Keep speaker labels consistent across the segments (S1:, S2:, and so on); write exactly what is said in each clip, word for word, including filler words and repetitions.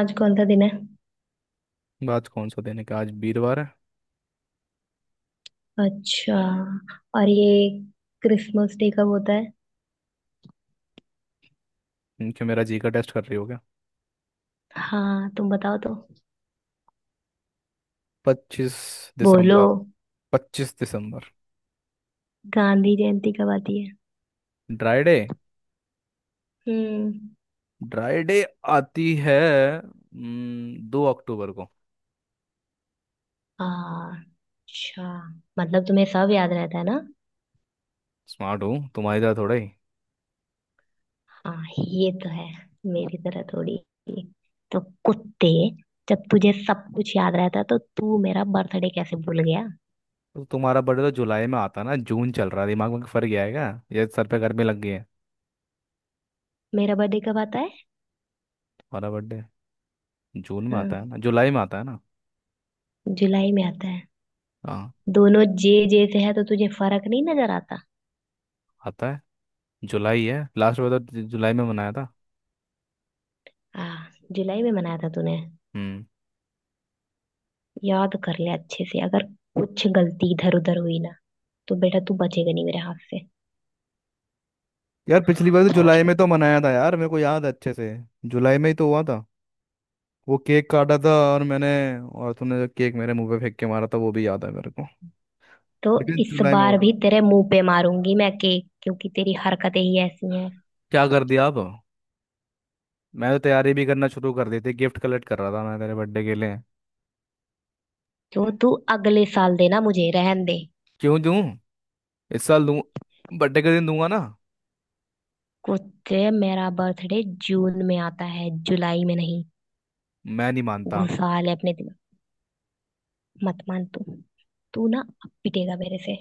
S1: आज कौन सा दिन है।
S2: बात कौन सा दिन है? क्या आज वीरवार है?
S1: अच्छा। और ये क्रिसमस डे कब होता है।
S2: क्योंकि मेरा जी का टेस्ट कर रही हो क्या।
S1: हाँ, तुम बताओ तो।
S2: पच्चीस
S1: बोलो।
S2: दिसंबर। पच्चीस दिसंबर।
S1: गांधी जयंती कब आती है।
S2: Dry day.
S1: हम्म।
S2: Dry day. आती है। हम्म, दो अक्टूबर को।
S1: अच्छा। मतलब तुम्हें सब याद रहता है ना।
S2: स्मार्ट हूँ, तुम्हारी तरह थोड़ा ही।
S1: हाँ, ये तो है। मेरी तरह थोड़ी। तो कुत्ते, जब तुझे सब कुछ याद रहता है तो तू मेरा बर्थडे कैसे भूल गया।
S2: तो तुम्हारा बर्थडे तो जुलाई में आता है ना, जून चल रहा है। दिमाग में फर्क गया है क्या? ये सर पे गर्मी लग गई है?
S1: मेरा बर्थडे कब आता है।
S2: तुम्हारा बर्थडे जून में
S1: हाँ,
S2: आता है ना, जुलाई में आता है ना?
S1: जुलाई में आता है।
S2: हाँ।
S1: दोनों जे जे से है तो तुझे फर्क नहीं नजर आता।
S2: आता है। जुलाई है। लास्ट बार तो जु- जुलाई में मनाया था।
S1: आ, जुलाई में मनाया था तूने।
S2: हम्म।
S1: याद कर ले अच्छे से। अगर कुछ गलती इधर उधर हुई ना, तो बेटा तू बचेगा नहीं मेरे हाथ से।
S2: यार, पिछली बार तो जुलाई में तो मनाया था यार, मेरे को याद है अच्छे से। जुलाई में ही तो हुआ था। वो केक काटा था और मैंने, और तूने जो केक मेरे मुंह पे फेंक के मारा था वो भी याद है मेरे को।
S1: तो
S2: लेकिन
S1: इस
S2: जुलाई में हुआ
S1: बार
S2: था।
S1: भी तेरे मुंह पे मारूंगी मैं केक, क्योंकि तेरी हरकतें ही ऐसी हैं।
S2: क्या कर दिया आप? मैं तो तैयारी भी करना शुरू कर दी थी, गिफ्ट कलेक्ट कर रहा था मैं तेरे बर्थडे के लिए।
S1: तो तू अगले साल देना, मुझे रहन दे।
S2: क्यों दूं? इस साल दूं। बर्थडे के दिन दूंगा ना।
S1: कुत्ते, मेरा बर्थडे जून में आता है, जुलाई में नहीं।
S2: मैं नहीं मानता।
S1: घुसा ले अपने दिमाग। मत मान तू। तू ना अब पिटेगा मेरे से।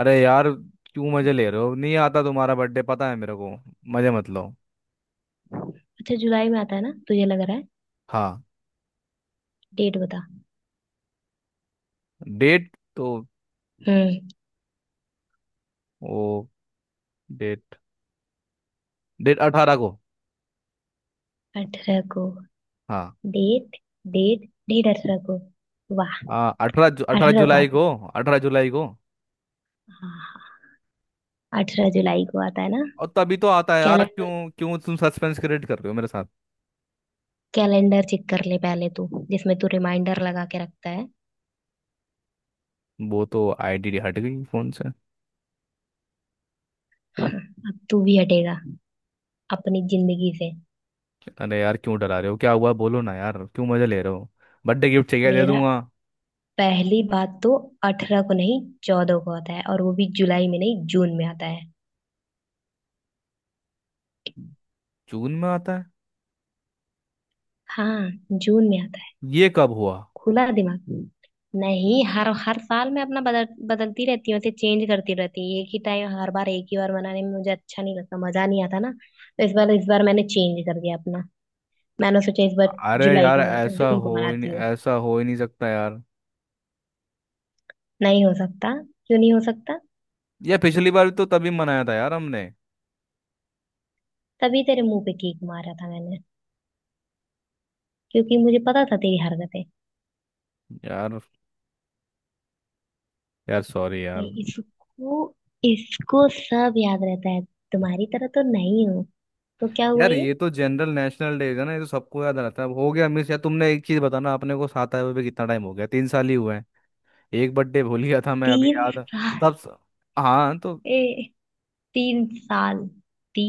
S2: अरे यार, क्यों मजे ले रहे हो? नहीं आता तुम्हारा बर्थडे, पता है मेरे को। मजे मत लो।
S1: अच्छा, जुलाई में आता है ना तुझे लग रहा है।
S2: हाँ।
S1: डेट बता।
S2: डेट? तो
S1: हम्म।
S2: वो डेट, डेट अठारह को।
S1: अठारह को।
S2: हाँ।
S1: डेट डेट डेट अठारह को। वाह।
S2: अठारह अठारह
S1: अठारह को
S2: जुलाई
S1: आता है।
S2: को। अठारह जुलाई को।
S1: हाँ हाँ, अठारह जुलाई को आता है ना।
S2: और तभी तो आता है यार। क्यों
S1: कैलेंडर,
S2: क्यों तुम सस्पेंस क्रिएट कर रहे हो मेरे साथ?
S1: कैलेंडर चेक कर ले पहले तू, जिसमें तू रिमाइंडर लगा के रखता है।
S2: वो तो आईडी हट गई फोन से।
S1: हाँ, अब तू भी हटेगा अपनी जिंदगी से।
S2: अरे यार, क्यों डरा रहे हो? क्या हुआ? बोलो ना यार, क्यों मजे ले रहे हो? बर्थडे गिफ्ट चाहिए दे
S1: मेरा,
S2: दूंगा।
S1: पहली बात तो अठारह को नहीं चौदह को आता है, और वो भी जुलाई में नहीं जून में आता है।
S2: जून में आता है?
S1: हाँ, जून में आता है।
S2: ये कब हुआ?
S1: खुला दिमाग। नहीं, हर हर साल मैं अपना बदल, बदलती रहती हूँ, उसे चेंज करती रहती हूँ। एक ही टाइम हर बार, एक ही बार बनाने में मुझे अच्छा नहीं लगता, मजा नहीं आता ना। तो इस बार इस बार मैंने चेंज कर दिया अपना। मैंने सोचा इस बार
S2: अरे
S1: जुलाई
S2: यार,
S1: को मना,
S2: ऐसा
S1: जून को
S2: हो ही नहीं
S1: मनाती हूँ।
S2: ऐसा हो ही नहीं सकता यार।
S1: नहीं हो सकता। क्यों नहीं हो सकता।
S2: ये पिछली बार भी तो तभी मनाया था यार हमने।
S1: तभी तेरे मुंह पे किक मारा था मैंने, क्योंकि मुझे पता था तेरी हरकतें।
S2: यार। यार सॉरी यार।
S1: नहीं, इसको इसको सब याद रहता है। तुम्हारी तरह तो नहीं हूँ। तो क्या हुआ
S2: यार,
S1: ये।
S2: ये तो जनरल नेशनल डे है ना, ये तो सबको याद रहता है। अब हो गया मिस यार। तुमने एक चीज बताना, अपने को साथ आए हुए भी कितना टाइम हो गया, तीन साल ही हुए हैं। एक बर्थडे भूल गया था मैं, अभी
S1: तीन
S2: याद है।
S1: साल
S2: तब स- हाँ, तो
S1: ए, तीन साल।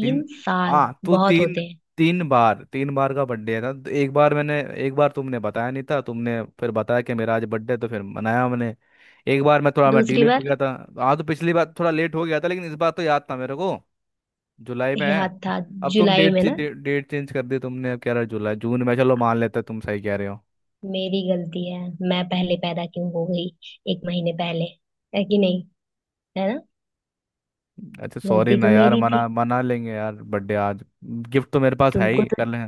S2: तीन।
S1: साल
S2: हाँ, तो
S1: बहुत
S2: तीन।
S1: होते हैं।
S2: तीन बार, तीन बार का बर्थडे था तो एक बार मैंने, एक बार तुमने बताया नहीं था, तुमने फिर बताया कि मेरा आज बर्थडे, तो फिर मनाया मैंने। एक बार मैं थोड़ा, मैं
S1: दूसरी
S2: डिले हो
S1: बार।
S2: गया था। हाँ, तो पिछली बार थोड़ा लेट हो गया था, लेकिन इस बार तो याद था मेरे को, जुलाई में है।
S1: याद था।
S2: अब तुम
S1: जुलाई में
S2: डेट,
S1: ना।
S2: डेट चेंज कर दी तुमने, अब कह रहे हो जुलाई, जून में। चलो मान लेते तुम सही कह रहे हो।
S1: मेरी गलती है। मैं पहले पैदा क्यों हो गई, एक महीने पहले। है कि नहीं, है ना।
S2: अच्छा, सॉरी
S1: गलती
S2: ना
S1: तो
S2: यार।
S1: मेरी थी,
S2: मना मना लेंगे यार बर्थडे आज। गिफ्ट तो मेरे पास है
S1: तुमको
S2: ही,
S1: तो।
S2: कर ले।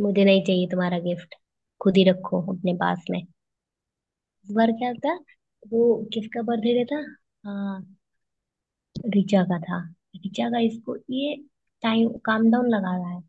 S1: मुझे नहीं चाहिए तुम्हारा गिफ्ट। खुद ही रखो अपने पास में। इस बार क्या था। वो किसका बर्थडे था। हाँ, ऋचा का था। ऋचा का। इसको ये टाइम काम डाउन लगा रहा है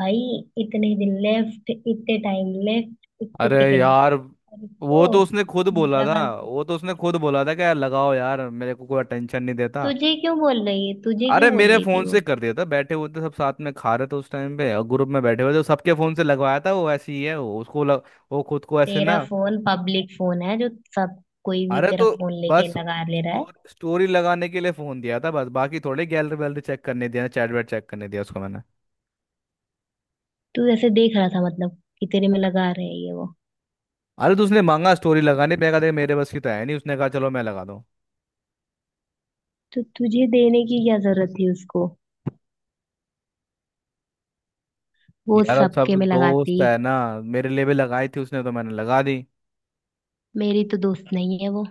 S1: भाई। इतने दिन लेफ्ट, इतने टाइम लेफ्ट, इतने
S2: अरे
S1: सेकंड।
S2: यार।
S1: और
S2: वो
S1: उसको,
S2: तो उसने खुद बोला
S1: मेरा
S2: था।
S1: वाला।
S2: वो तो उसने खुद बोला था कि यार लगाओ यार, मेरे को कोई अटेंशन नहीं देता।
S1: तुझे क्यों बोल रही है, तुझे
S2: अरे
S1: क्यों बोल
S2: मेरे
S1: रही थी
S2: फोन
S1: वो।
S2: से कर दिया था, बैठे हुए थे सब साथ में, खा रहे थे उस टाइम पे, और ग्रुप में बैठे हुए थे, सबके फोन से लगवाया था। वो ऐसी ही है। वो उसको लग, वो खुद को ऐसे
S1: तेरा
S2: ना।
S1: फोन पब्लिक फोन है जो सब कोई भी
S2: अरे
S1: तेरा
S2: तो
S1: फोन लेके
S2: बस
S1: लगा ले रहा है।
S2: स्टोरी, स्टोरी लगाने के लिए फोन दिया था बस, बाकी थोड़े गैलरी वैलरी चेक करने दिया, चैट वैट चेक करने दिया उसको मैंने।
S1: तू ऐसे देख रहा था, मतलब कि तेरे में लगा रहे हैं ये वो।
S2: अरे तो उसने मांगा स्टोरी लगाने पे, कहा देख मेरे बस की तो है नहीं, उसने कहा चलो मैं लगा।
S1: तो तुझे देने की क्या जरूरत थी उसको, वो
S2: यार अब
S1: सबके
S2: सब
S1: में लगाती।
S2: दोस्त है ना। मेरे लिए भी लगाई थी उसने, तो मैंने लगा दी।
S1: मेरी तो दोस्त नहीं है वो।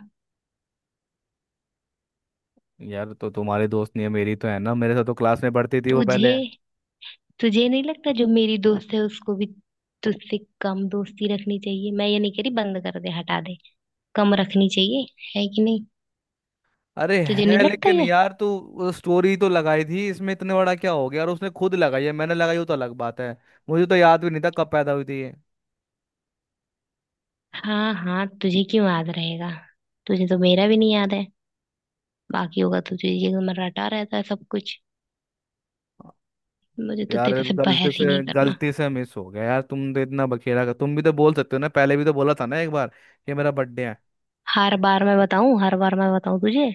S2: यार, तो तुम्हारी दोस्त नहीं है, मेरी तो है ना। मेरे साथ तो क्लास में पढ़ती थी वो
S1: तुझे
S2: पहले।
S1: तुझे नहीं लगता जो मेरी दोस्त है उसको भी तुझसे कम दोस्ती रखनी चाहिए। मैं ये नहीं कह रही बंद कर दे, हटा दे। कम रखनी चाहिए। है कि नहीं।
S2: अरे
S1: तुझे नहीं
S2: है,
S1: लगता
S2: लेकिन
S1: ये।
S2: यार तू, स्टोरी तो लगाई थी, इसमें इतने बड़ा क्या हो गया? और उसने खुद लगाई है, मैंने लगाई हो तो अलग बात है। मुझे तो याद भी नहीं था कब पैदा हुई थी ये।
S1: हाँ हाँ, तुझे क्यों याद रहेगा। तुझे तो मेरा भी नहीं याद है, बाकी होगा तो तुझे ये रटा रहता है सब कुछ। मुझे तो
S2: यार,
S1: तेरे से
S2: गलती
S1: बहस ही
S2: से
S1: नहीं करना।
S2: गलती से मिस हो गया यार। तुम तो इतना बखेड़ा कर, तुम भी तो बोल सकते हो ना, पहले भी तो बोला था ना एक बार कि मेरा बर्थडे है।
S1: हर बार मैं बताऊं, हर बार मैं बताऊं तुझे।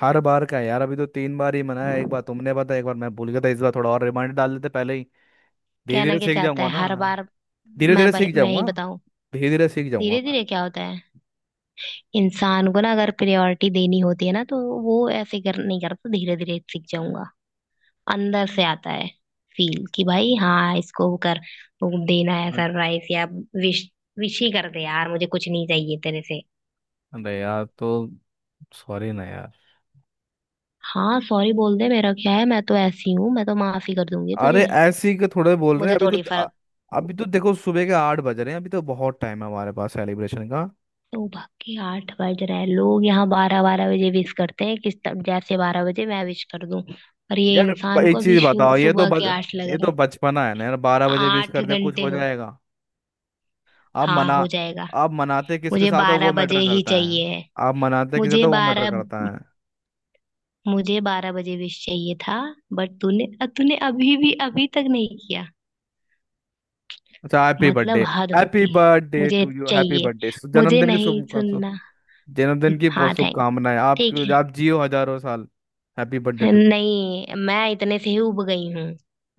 S2: हर बार का है यार, अभी तो तीन बार ही मनाया। एक बार तुमने बताया, एक बार मैं भूल गया था, इस बार थोड़ा और रिमाइंडर डाल देते पहले ही। धीरे
S1: कहना
S2: धीरे
S1: क्या
S2: सीख
S1: चाहता
S2: जाऊंगा
S1: है
S2: ना।
S1: हर बार।
S2: धीरे
S1: मैं
S2: धीरे
S1: बह,
S2: सीख
S1: मैं ही
S2: जाऊंगा।
S1: बताऊं।
S2: धीरे धीरे सीख जाऊंगा।
S1: धीरे धीरे क्या होता है। इंसान को ना अगर प्रायोरिटी देनी होती है ना, तो वो ऐसे कर नहीं करता, धीरे धीरे सीख जाऊंगा। अंदर से आता है फील, कि भाई हाँ इसको वो कर, वो देना है
S2: मैं।
S1: सरप्राइज या विश। विश ही कर दे यार, मुझे कुछ नहीं चाहिए तेरे से।
S2: अरे यार तो सॉरी ना यार।
S1: हाँ, सॉरी बोल दे, मेरा क्या है। मैं तो ऐसी हूँ, मैं तो माफी कर दूंगी
S2: अरे
S1: तुझे।
S2: ऐसे ही के थोड़े बोल रहे
S1: मुझे
S2: हैं अभी तो।
S1: थोड़ी
S2: अ-
S1: फर्क।
S2: अभी तो देखो, सुबह के आठ बज रहे हैं, अभी तो बहुत टाइम है हमारे पास सेलिब्रेशन का।
S1: तो बाकी आठ बज रहे हैं, लोग यहाँ बारह बारह बजे विश करते हैं। किस तरह जैसे बारह बजे मैं विश कर दूं। और ये
S2: यार, ब-
S1: इंसान को
S2: एक
S1: अभी
S2: चीज
S1: शु-
S2: बताओ, ये तो
S1: सुबह
S2: बच
S1: के आठ लग
S2: ये
S1: रहे
S2: तो
S1: हैं
S2: बचपना है ना यार, बारह बजे विश
S1: आठ
S2: कर दे कुछ
S1: घंटे
S2: हो
S1: हो।
S2: जाएगा? आप
S1: हाँ,
S2: मना,
S1: हो जाएगा।
S2: आप मनाते किसके
S1: मुझे
S2: साथ हो
S1: बारह
S2: वो
S1: बजे
S2: मैटर
S1: ही
S2: करता है।
S1: चाहिए है।
S2: आप मनाते किसके साथ
S1: मुझे
S2: हो वो मैटर
S1: बारह,
S2: करता है।
S1: मुझे बारह बजे विश चाहिए था। बट तूने तूने अभी भी, अभी तक नहीं किया।
S2: अच्छा, हैप्पी बर्थडे।
S1: मतलब हद
S2: हैप्पी
S1: होती है।
S2: बर्थडे
S1: मुझे
S2: टू यू, हैप्पी
S1: चाहिए।
S2: बर्थडे।
S1: मुझे
S2: जन्मदिन की
S1: नहीं
S2: शुभ
S1: सुनना।
S2: जन्मदिन की
S1: हाँ,
S2: बहुत
S1: थैंक।
S2: शुभकामनाएं आप।
S1: ठीक
S2: आप जियो हजारों साल। हैप्पी बर्थडे
S1: है।
S2: टू
S1: नहीं, मैं इतने से ही उब गई हूँ।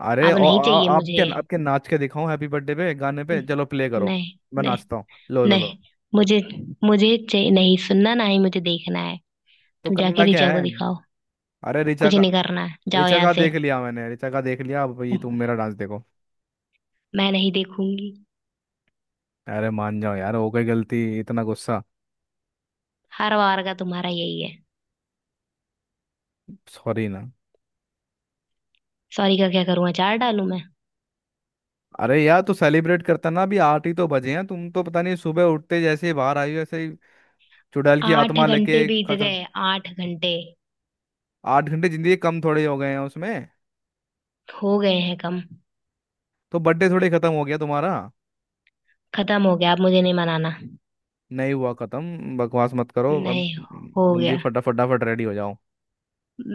S2: अरे,
S1: अब नहीं
S2: और
S1: चाहिए
S2: आपके
S1: मुझे।
S2: आपके नाच के दिखाऊं हैप्पी बर्थडे पे, गाने पे चलो प्ले करो।
S1: नहीं,
S2: मैं
S1: नहीं,
S2: नाचता हूँ। लो लो लो।
S1: नहीं। मुझे, मुझे चाहिए नहीं सुनना, ना ही मुझे देखना है।
S2: तो
S1: तुम जाके
S2: करना क्या
S1: रिचा को
S2: है?
S1: दिखाओ।
S2: अरे ऋचा
S1: कुछ
S2: का
S1: नहीं करना है, जाओ
S2: ऋचा
S1: यहाँ
S2: का
S1: से।
S2: देख लिया मैंने। ऋचा का देख लिया, अब ये तुम मेरा डांस देखो।
S1: मैं नहीं देखूंगी।
S2: अरे मान जाओ यार, हो गई गलती, इतना गुस्सा?
S1: हर बार का तुम्हारा यही है।
S2: सॉरी ना।
S1: सॉरी का क्या करूँ, अचार डालूं मैं।
S2: अरे यार, तो सेलिब्रेट करता ना, अभी आठ ही तो बजे हैं। तुम तो पता नहीं, सुबह उठते जैसे ही बाहर आई हो ऐसे ही चुड़ैल की
S1: आठ
S2: आत्मा
S1: घंटे
S2: लेके।
S1: बीत
S2: खतर
S1: गए, आठ घंटे।
S2: आठ घंटे जिंदगी कम थोड़े हो गए हैं उसमें?
S1: हो गए हैं कम।
S2: तो बर्थडे थोड़ी खत्म हो गया तुम्हारा?
S1: खत्म हो गया, अब मुझे नहीं मनाना।
S2: नहीं हुआ खत्म, बकवास मत करो अब।
S1: नहीं, हो
S2: जल्दी
S1: गया।
S2: फटा फटाफट रेडी हो जाओ।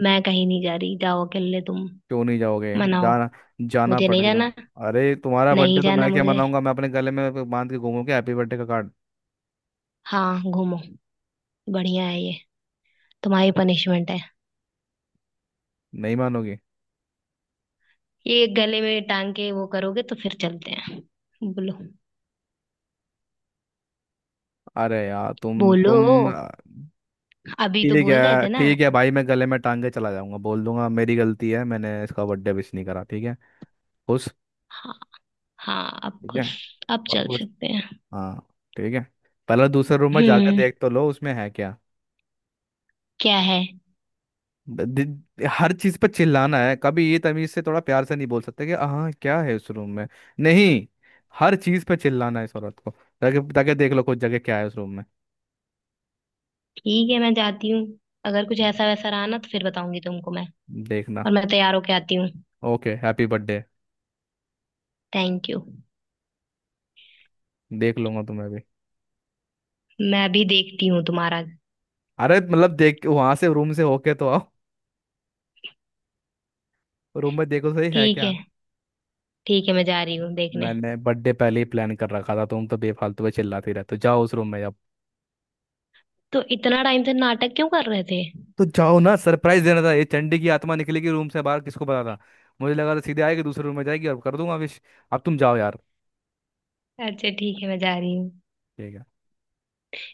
S1: मैं कहीं नहीं जा रही, जाओ अकेले तुम
S2: क्यों नहीं जाओगे?
S1: मनाओ।
S2: जाना, जाना
S1: मुझे नहीं
S2: पड़ेगा।
S1: जाना।
S2: अरे तुम्हारा
S1: नहीं
S2: बर्थडे तो
S1: जाना
S2: मैं क्या
S1: मुझे।
S2: मनाऊंगा, मैं अपने गले में बांध के घूमूंगा हैप्पी बर्थडे का कार्ड।
S1: हाँ, घूमो। बढ़िया है ये, तुम्हारी पनिशमेंट है।
S2: नहीं मानोगी?
S1: ये गले में टांग के वो करोगे तो फिर चलते हैं। बोलो।
S2: अरे यार, तुम
S1: बोलो,
S2: तुम
S1: अभी तो
S2: ठीक
S1: बोल रहे
S2: है,
S1: थे ना।
S2: ठीक है भाई, मैं गले में टांग के चला जाऊंगा, बोल दूंगा मेरी गलती है, मैंने इसका बर्थडे विश नहीं करा, ठीक है? खुश?
S1: हाँ, हाँ अब
S2: ठीक है।
S1: खुश। अब
S2: और
S1: चल
S2: खुश।
S1: सकते हैं।
S2: हाँ। ठीक है। पहले दूसरे रूम में जाकर
S1: हम्म,
S2: देख तो लो, उसमें है क्या।
S1: क्या है।
S2: द- दि- हर चीज पर चिल्लाना है? कभी ये तमीज से थोड़ा प्यार से नहीं बोल सकते कि हाँ क्या है उस रूम में? नहीं, हर चीज पे चिल्लाना है इस औरत को। ताकि ताकि देख लो कुछ, जगह क्या है उस रूम में।
S1: ठीक है मैं जाती हूँ। अगर कुछ ऐसा वैसा रहा ना, तो फिर बताऊंगी तुमको मैं।
S2: देखना।
S1: और मैं तैयार होके आती हूँ।
S2: Okay, happy birthday.
S1: Thank you.
S2: देख लूंगा तुम्हें भी।
S1: मैं भी देखती हूँ तुम्हारा।
S2: अरे मतलब, देख वहां से, रूम से होके तो आओ। रूम में देखो सही है
S1: ठीक है,
S2: क्या।
S1: ठीक है मैं जा रही हूँ देखने।
S2: मैंने बर्थडे पहले ही प्लान कर रखा था, तुम तो बेफालतू में चिल्लाती रहते हो। जाओ उस रूम में, जाओ।
S1: तो इतना टाइम से नाटक क्यों कर रहे थे।
S2: तो जाओ ना, सरप्राइज देना था। ये चंडी की आत्मा निकलेगी रूम से बाहर, किसको पता था? मुझे लगा था सीधे आएगी दूसरे रूम में जाएगी और कर दूंगा विश। अब तुम जाओ यार।
S1: अच्छा, ठीक है मैं जा रही हूँ।
S2: ठीक है।